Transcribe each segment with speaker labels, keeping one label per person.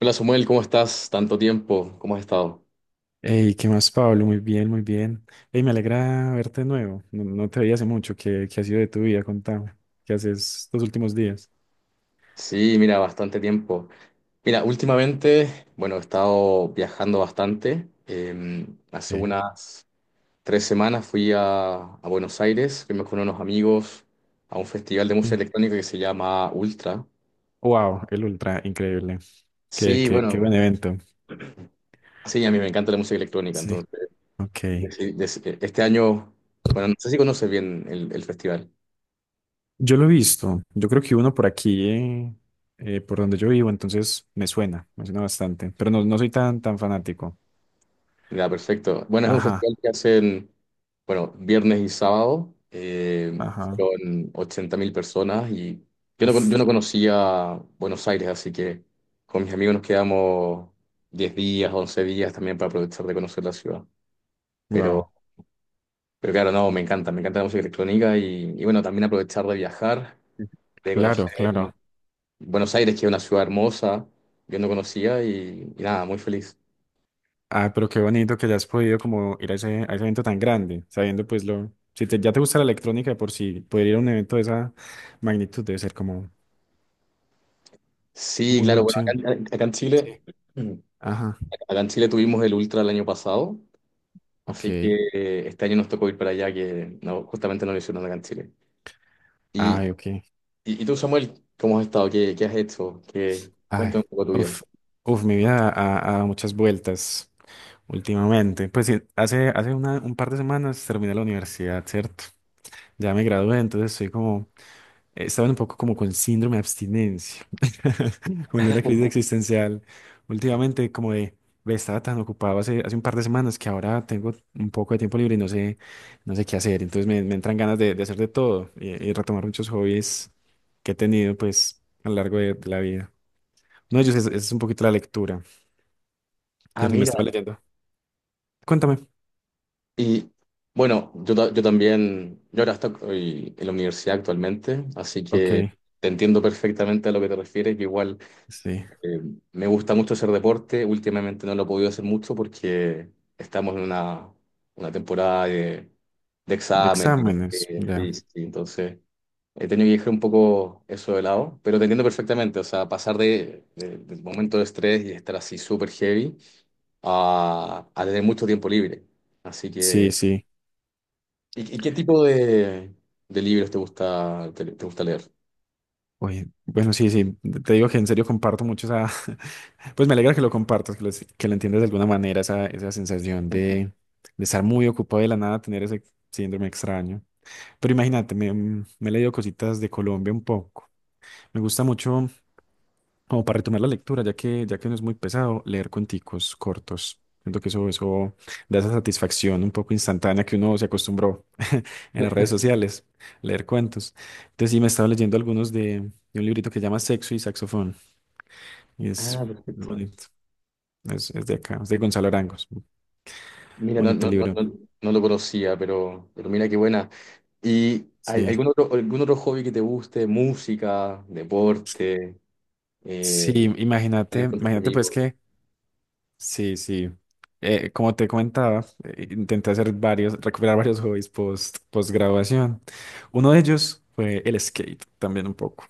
Speaker 1: Hola Samuel, ¿cómo estás? Tanto tiempo, ¿cómo has estado?
Speaker 2: Hey, ¿qué más, Pablo? Muy bien, muy bien. Hey, me alegra verte de nuevo. No, no te veía hace mucho. ¿Qué ha sido de tu vida? Contame. ¿Qué haces estos últimos días?
Speaker 1: Sí, mira, bastante tiempo. Mira, últimamente, bueno, he estado viajando bastante. Hace
Speaker 2: Okay.
Speaker 1: unas 3 semanas fui a Buenos Aires, fuimos con unos amigos a un festival de música
Speaker 2: Sí.
Speaker 1: electrónica que se llama Ultra.
Speaker 2: Wow, el Ultra, increíble. Qué,
Speaker 1: Sí,
Speaker 2: qué, qué buen
Speaker 1: bueno,
Speaker 2: evento.
Speaker 1: sí, a mí me encanta la música electrónica,
Speaker 2: Sí,
Speaker 1: entonces
Speaker 2: ok.
Speaker 1: este año, bueno, no sé si conoces bien el festival.
Speaker 2: Yo lo he visto. Yo creo que uno por aquí, por donde yo vivo, entonces me suena bastante. Pero no, no soy tan, tan fanático.
Speaker 1: Ya, perfecto. Bueno, es un
Speaker 2: Ajá,
Speaker 1: festival que hacen, bueno, viernes y sábado.
Speaker 2: ajá.
Speaker 1: Fueron 80.000 personas y
Speaker 2: Uf,
Speaker 1: yo no conocía Buenos Aires, así que con mis amigos nos quedamos 10 días, 11 días también para aprovechar de conocer la ciudad.
Speaker 2: wow.
Speaker 1: Pero, pero claro, no, me encanta la música electrónica y bueno, también aprovechar de viajar, de
Speaker 2: Claro,
Speaker 1: conocer
Speaker 2: claro.
Speaker 1: Buenos Aires, que es una ciudad hermosa, yo no conocía y nada, muy feliz.
Speaker 2: Ah, pero qué bonito que ya has podido como ir a ese evento tan grande, sabiendo pues lo... Si te- ya te gusta la electrónica de por sí, poder ir a un evento de esa magnitud debe ser como
Speaker 1: Sí,
Speaker 2: muy
Speaker 1: claro,
Speaker 2: buena
Speaker 1: bueno,
Speaker 2: opción.
Speaker 1: acá en
Speaker 2: Sí.
Speaker 1: Chile.
Speaker 2: Ajá,
Speaker 1: Acá en Chile tuvimos el Ultra el año pasado, así que
Speaker 2: ok.
Speaker 1: este año nos tocó ir para allá, que no, justamente no lo hicieron acá en Chile. Y,
Speaker 2: Ay, ok.
Speaker 1: y tú, Samuel, ¿cómo has estado? ¿Qué, qué has hecho? ¿Qué,
Speaker 2: Ay,
Speaker 1: cuéntame un poco tu vida.
Speaker 2: uf, uf, mi vida ha, ha dado muchas vueltas últimamente. Pues sí, hace, hace una- un par de semanas terminé la universidad, ¿cierto? Ya me gradué, entonces estoy como estaban un poco como con síndrome de abstinencia, como en una crisis existencial. Últimamente, como de, ve, estaba tan ocupado hace, hace un par de semanas que ahora tengo un poco de tiempo libre y no sé, no sé qué hacer. Entonces me entran ganas de hacer de todo y retomar muchos hobbies que he tenido, pues, a lo largo de la vida. No ellos es un poquito la lectura,
Speaker 1: Ah,
Speaker 2: ¿cierto? Me
Speaker 1: mira.
Speaker 2: estaba leyendo. Cuéntame.
Speaker 1: Y yo también, yo ahora estoy en la universidad actualmente, así
Speaker 2: Ok,
Speaker 1: que te entiendo perfectamente a lo que te refieres, que igual...
Speaker 2: sí.
Speaker 1: Eh, Me gusta mucho hacer deporte. Últimamente no lo he podido hacer mucho porque estamos en una temporada de
Speaker 2: De
Speaker 1: exámenes.
Speaker 2: exámenes, ya.
Speaker 1: Sí, sí, entonces he tenido que dejar un poco eso de lado, pero te entiendo perfectamente. O sea, pasar del momento de estrés y estar así súper heavy a tener mucho tiempo libre. Así
Speaker 2: Sí,
Speaker 1: que,
Speaker 2: sí.
Speaker 1: y qué tipo de libros te gusta, te gusta leer?
Speaker 2: Oye, bueno, sí, sí, te digo que en serio comparto mucho esa, pues me alegra que lo compartas, que lo entiendas de alguna manera, esa sensación de estar muy ocupado y de la nada, tener ese síndrome extraño. Pero imagínate, me, me he leído cositas de Colombia un poco. Me gusta mucho como para retomar la lectura, ya que no es muy pesado, leer cuenticos cortos. Siento que eso da esa satisfacción un poco instantánea que uno se acostumbró en las redes sociales, leer cuentos. Entonces sí, me estaba leyendo algunos de un librito que se llama Sexo y Saxofón. Y es,
Speaker 1: Ah, perfecto.
Speaker 2: bonito. Es de acá, es de Gonzalo Arangos.
Speaker 1: Mira,
Speaker 2: Bonito libro.
Speaker 1: no, no lo conocía, pero mira qué buena. ¿Y hay
Speaker 2: Sí.
Speaker 1: algún otro hobby que te guste? Música, deporte,
Speaker 2: Sí,
Speaker 1: eh,
Speaker 2: imagínate,
Speaker 1: salir con tus
Speaker 2: imagínate pues
Speaker 1: amigos.
Speaker 2: que sí, sí. Como te comentaba, intenté hacer varios, recuperar varios hobbies post, post graduación. Uno de ellos fue el skate, también un poco.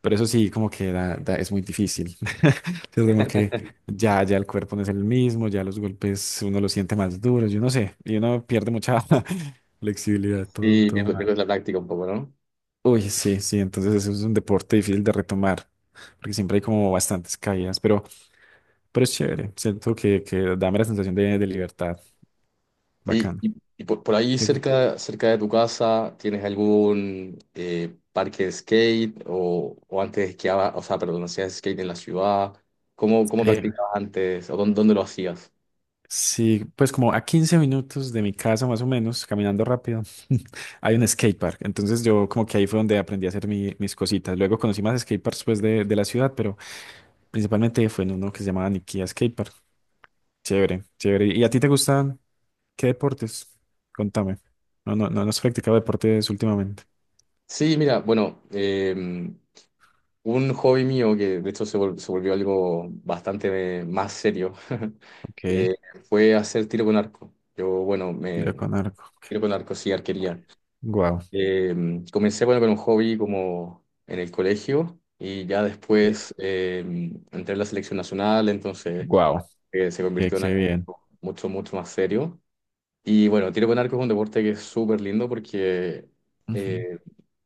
Speaker 2: Pero eso sí, como que da- da- es muy difícil. Yo tengo que ya, ya el cuerpo no es el mismo, ya los golpes uno los siente más duros, yo no sé, y uno pierde mucha flexibilidad,
Speaker 1: Sí,
Speaker 2: todo, todo
Speaker 1: pierdes,
Speaker 2: mal.
Speaker 1: pierdes la práctica un poco, ¿no?
Speaker 2: Uy, sí, sí, entonces eso es un deporte difícil de retomar, porque siempre hay como bastantes caídas, pero es chévere, siento que dame la sensación de libertad.
Speaker 1: Y,
Speaker 2: Bacano.
Speaker 1: y- y por ahí
Speaker 2: Ok.
Speaker 1: cerca, cerca de tu casa, ¿tienes algún parque de skate o antes esquiaba, o sea, perdón, hacías skate en la ciudad? ¿Cómo, cómo
Speaker 2: Eh,
Speaker 1: practicabas antes o dónde, dónde lo hacías?
Speaker 2: sí, pues como a 15 minutos de mi casa más o menos, caminando rápido, hay un skatepark. Entonces yo como que ahí fue donde aprendí a hacer mi- mis cositas. Luego conocí más skateparks pues de la ciudad, pero principalmente fue en uno que se llamaba Nikia Skatepark. Chévere, chévere. ¿Y a ti te gustan qué deportes? Contame. No, no, no, no has practicado deportes últimamente.
Speaker 1: Sí, mira, bueno, un hobby mío que de hecho se volvió algo bastante más serio.
Speaker 2: Ok,
Speaker 1: eh, Fue hacer tiro con arco. Yo, bueno,
Speaker 2: tiro
Speaker 1: me
Speaker 2: con arco.
Speaker 1: tiro con arco sí, arquería.
Speaker 2: Wow.
Speaker 1: Eh, Comencé bueno, con un hobby como en el colegio y ya después entré en la selección nacional, entonces
Speaker 2: Wow.
Speaker 1: se
Speaker 2: Qué,
Speaker 1: convirtió en
Speaker 2: qué
Speaker 1: algo
Speaker 2: bien.
Speaker 1: mucho más serio. Y bueno, tiro con arco es un deporte que es súper lindo porque
Speaker 2: Ujú,
Speaker 1: eh,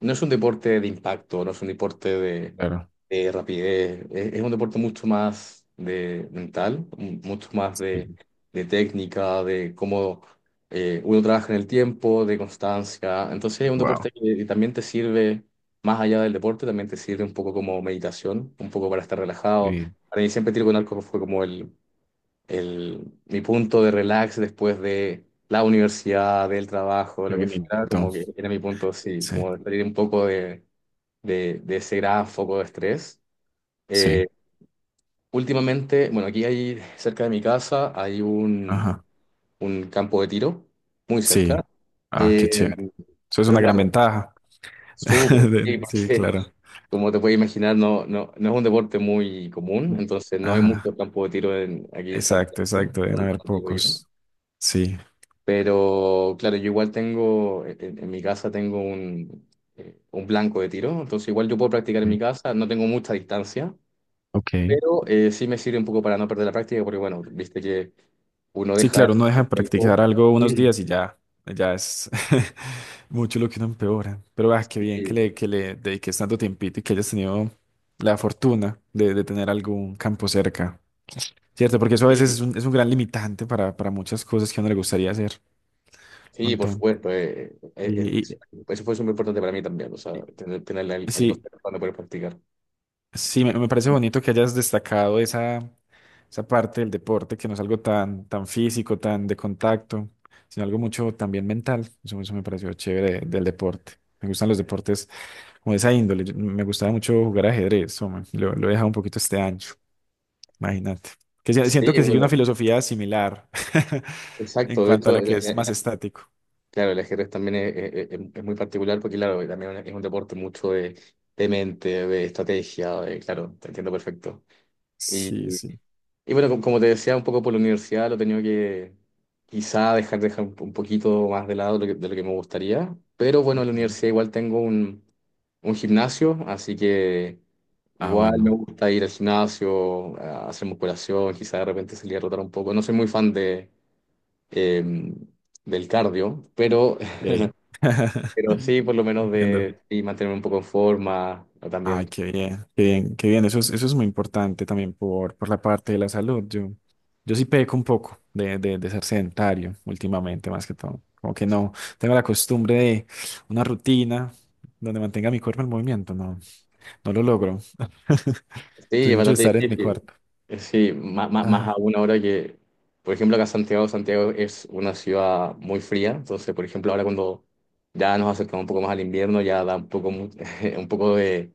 Speaker 1: no es un deporte de impacto, no es un deporte
Speaker 2: claro.
Speaker 1: de rapidez, es un deporte mucho más de mental, mucho más de técnica, de cómo uno trabaja en el tiempo, de constancia. Entonces es un
Speaker 2: Wow.
Speaker 1: deporte que también te sirve, más allá del deporte, también te sirve un poco como meditación, un poco para estar
Speaker 2: Qué
Speaker 1: relajado.
Speaker 2: bien.
Speaker 1: Para mí siempre tiro con arco fue como mi punto de relax después de la universidad, del trabajo,
Speaker 2: Qué
Speaker 1: lo que
Speaker 2: bonito.
Speaker 1: fuera, como que era mi punto, sí,
Speaker 2: Sí,
Speaker 1: como de salir un poco de ese gran foco de estrés.
Speaker 2: sí,
Speaker 1: Eh, Últimamente, bueno, aquí hay, cerca de mi casa, hay
Speaker 2: ajá,
Speaker 1: un campo de tiro, muy cerca.
Speaker 2: sí. Ah, qué
Speaker 1: Eh,
Speaker 2: chévere. Eso es
Speaker 1: pero
Speaker 2: una gran
Speaker 1: claro,
Speaker 2: ventaja.
Speaker 1: súper, sí,
Speaker 2: De- Sí,
Speaker 1: porque
Speaker 2: claro.
Speaker 1: como te puedes imaginar, no es un deporte muy común, entonces no hay
Speaker 2: Ajá,
Speaker 1: mucho campo de tiro en, aquí en
Speaker 2: exacto,
Speaker 1: Santiago,
Speaker 2: exacto. Deben haber
Speaker 1: donde vivo yo.
Speaker 2: pocos. Sí.
Speaker 1: Pero claro, yo igual tengo, en mi casa tengo un blanco de tiro, entonces igual yo puedo practicar en mi
Speaker 2: Sí,
Speaker 1: casa, no tengo mucha distancia,
Speaker 2: ok.
Speaker 1: pero sí me sirve un poco para no perder la práctica, porque bueno, viste que uno
Speaker 2: Sí,
Speaker 1: deja
Speaker 2: claro, uno deja
Speaker 1: un
Speaker 2: de practicar
Speaker 1: tiempo.
Speaker 2: algo unos
Speaker 1: Sí,
Speaker 2: días y ya, ya es mucho lo que uno empeora. Pero ah, qué bien
Speaker 1: sí,
Speaker 2: que le dediques tanto tiempito y que hayas tenido la fortuna de tener algún campo cerca. ¿Cierto? Porque eso a
Speaker 1: sí,
Speaker 2: veces es un gran limitante para muchas cosas que a uno le gustaría hacer. Un
Speaker 1: sí, por
Speaker 2: montón.
Speaker 1: supuesto,
Speaker 2: Y, y-
Speaker 1: eso fue súper importante para mí también, o sea,
Speaker 2: y-
Speaker 1: tener, tener algo
Speaker 2: sí,
Speaker 1: cerca donde poder practicar.
Speaker 2: sí, me parece bonito que hayas destacado esa, esa parte del deporte, que no es algo tan, tan físico, tan de contacto, sino algo mucho también mental. Eso me pareció chévere de- del deporte. Me gustan los deportes como de esa índole. Yo- Me gustaba mucho jugar ajedrez, hombre. Lo he dejado un poquito este año, imagínate. Que si- siento
Speaker 1: Sí,
Speaker 2: que sigue
Speaker 1: bueno,
Speaker 2: una filosofía similar en
Speaker 1: exacto, de
Speaker 2: cuanto a
Speaker 1: hecho,
Speaker 2: la que es más
Speaker 1: en
Speaker 2: estático.
Speaker 1: claro, el ajedrez también es muy particular porque, claro, también es un deporte mucho de mente, de estrategia, de- claro, te entiendo perfecto. Y,
Speaker 2: Sí, sí.
Speaker 1: bueno, como como te decía, un poco por la universidad lo he tenido que quizá dejar, dejar un poquito más de lado de lo que me gustaría, pero bueno, en la
Speaker 2: Ok.
Speaker 1: universidad igual tengo un gimnasio, así que
Speaker 2: Ah,
Speaker 1: igual me
Speaker 2: bueno.
Speaker 1: gusta ir al gimnasio, a hacer musculación, quizá de repente salir a rotar un poco. No soy muy fan de... em, del cardio,
Speaker 2: Ok.
Speaker 1: pero sí, por lo menos
Speaker 2: Entiendo.
Speaker 1: de sí, mantenerme un poco en forma o
Speaker 2: Ay,
Speaker 1: también.
Speaker 2: qué bien, qué bien, qué bien. Eso es muy importante también por la parte de la salud. Yo sí peco un poco de ser sedentario últimamente, más que todo. Como que no tengo la costumbre de una rutina donde mantenga mi cuerpo en movimiento. No, no lo logro.
Speaker 1: Sí,
Speaker 2: Soy
Speaker 1: es
Speaker 2: mucho de
Speaker 1: bastante
Speaker 2: estar en mi
Speaker 1: difícil.
Speaker 2: cuarto.
Speaker 1: Sí, más
Speaker 2: Ajá.
Speaker 1: aún ahora que, por ejemplo, acá Santiago, Santiago es una ciudad muy fría. Entonces, por ejemplo, ahora cuando ya nos acercamos un poco más al invierno, ya da un poco, un poco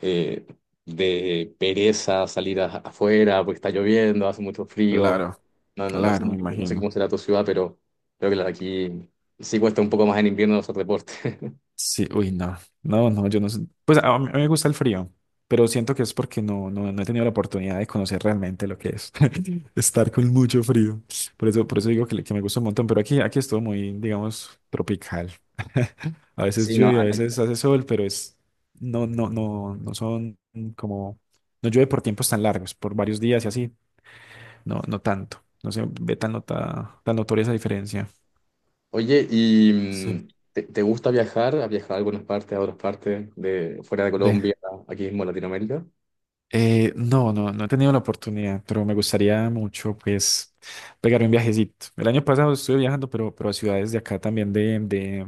Speaker 1: eh, de pereza salir afuera porque está lloviendo, hace mucho frío.
Speaker 2: Claro, claro, me
Speaker 1: No sé
Speaker 2: imagino.
Speaker 1: cómo será tu ciudad, pero creo que la de aquí sí cuesta un poco más en invierno hacer deporte.
Speaker 2: Sí, uy, no, no, no, yo no sé. Pues a mí me gusta el frío, pero siento que es porque no, no, no he tenido la oportunidad de conocer realmente lo que es estar con mucho frío. Por eso digo que, le- que me gusta un montón, pero aquí, aquí es todo muy, digamos, tropical. A veces
Speaker 1: Sí, no,
Speaker 2: llueve, a veces hace sol, pero es, no, no, no, no son como, no llueve por tiempos tan largos, por varios días y así, no, no tanto. No se ve tan, nota, tan notoria esa diferencia.
Speaker 1: oye, ¿y
Speaker 2: Sí.
Speaker 1: te gusta viajar? ¿Has viajado a algunas partes, a otras partes, de fuera de Colombia, aquí mismo en Latinoamérica?
Speaker 2: No, no, no he tenido la oportunidad, pero me gustaría mucho, pues, pegar un viajecito. El año pasado estuve viajando, pero a ciudades de acá también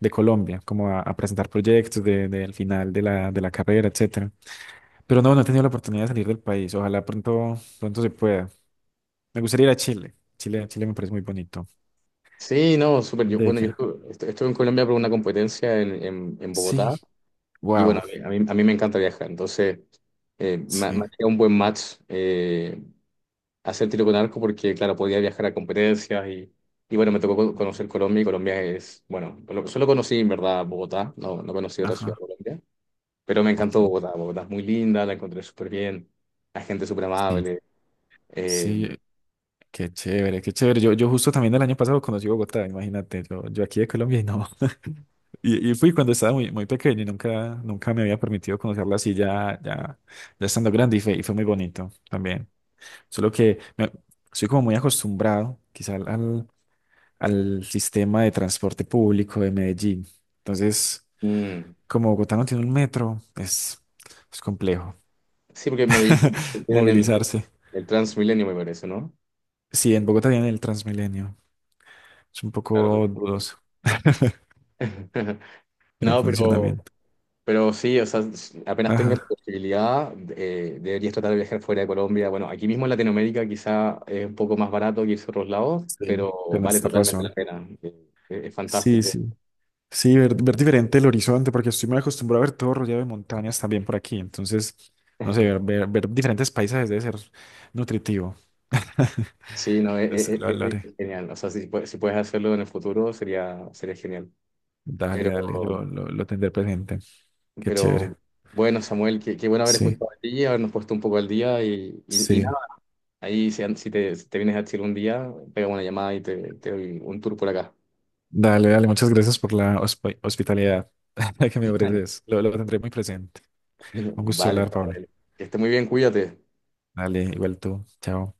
Speaker 2: de Colombia, como a presentar proyectos de, del final de la carrera, etcétera. Pero no, no he tenido la oportunidad de salir del país. Ojalá pronto, pronto se pueda. Me gustaría ir a Chile. Chile, Chile me parece muy bonito.
Speaker 1: Sí, no, súper.
Speaker 2: Muy
Speaker 1: Yo,
Speaker 2: de
Speaker 1: bueno,
Speaker 2: acá.
Speaker 1: estuve en Colombia por una competencia en Bogotá
Speaker 2: Sí.
Speaker 1: y bueno,
Speaker 2: Wow.
Speaker 1: a mí me encanta viajar, entonces
Speaker 2: Sí.
Speaker 1: me ha un buen match. Hacer tiro con arco porque, claro, podía viajar a competencias y bueno, me tocó conocer Colombia y Colombia es, bueno, solo conocí en verdad Bogotá, no, no conocí otra ciudad de
Speaker 2: Ajá.
Speaker 1: Colombia. Pero me
Speaker 2: Ok.
Speaker 1: encantó Bogotá. Bogotá es muy linda, la encontré súper bien. La gente súper
Speaker 2: Sí.
Speaker 1: amable. Eh,
Speaker 2: Sí. Qué chévere, qué chévere. Yo justo también el año pasado conocí Bogotá, imagínate, yo aquí de Colombia y no. Y, y fui cuando estaba muy, muy pequeño y nunca, nunca me había permitido conocerla así ya, ya, ya estando grande y fue muy bonito también. Solo que me- soy como muy acostumbrado quizá al, al sistema de transporte público de Medellín. Entonces,
Speaker 1: mm,
Speaker 2: como Bogotá no tiene un metro, es complejo
Speaker 1: sí, porque en Medellín tienen
Speaker 2: movilizarse.
Speaker 1: el Transmilenio, me parece, ¿no?
Speaker 2: Sí, en Bogotá tienen el Transmilenio. Es un
Speaker 1: Claro,
Speaker 2: poco dudoso.
Speaker 1: pues.
Speaker 2: En
Speaker 1: No,
Speaker 2: funcionamiento.
Speaker 1: pero sí, o sea, apenas tengas la
Speaker 2: Ajá,
Speaker 1: posibilidad, deberías tratar de viajar fuera de Colombia. Bueno, aquí mismo en Latinoamérica quizá es un poco más barato que irse a otros lados,
Speaker 2: sí,
Speaker 1: pero vale
Speaker 2: tienes
Speaker 1: totalmente la
Speaker 2: razón.
Speaker 1: pena. Es
Speaker 2: Sí,
Speaker 1: fantástico.
Speaker 2: sí. Sí, ver, ver diferente el horizonte, porque estoy muy acostumbrado a ver todo rodeado de montañas también por aquí. Entonces, no sé, ver, ver, ver diferentes paisajes debe ser nutritivo.
Speaker 1: Sí, no,
Speaker 2: Entonces, lo haré.
Speaker 1: es genial. O sea, si puedes hacerlo en el futuro, sería, sería genial.
Speaker 2: Dale, dale,
Speaker 1: Pero,
Speaker 2: lo tendré presente. Qué
Speaker 1: pero
Speaker 2: chévere.
Speaker 1: bueno, Samuel, qué, qué bueno haber
Speaker 2: Sí,
Speaker 1: escuchado a ti, habernos puesto un poco al día y
Speaker 2: sí.
Speaker 1: nada. Ahí, si te vienes a Chile un día, pega una llamada te doy un tour por acá.
Speaker 2: Dale, dale, muchas gracias por la hosp- hospitalidad que me ofreces. Lo tendré muy presente. Un gusto
Speaker 1: Vale,
Speaker 2: hablar, Pablo.
Speaker 1: Samuel. Que esté muy bien, cuídate.
Speaker 2: Dale, igual tú. Chao.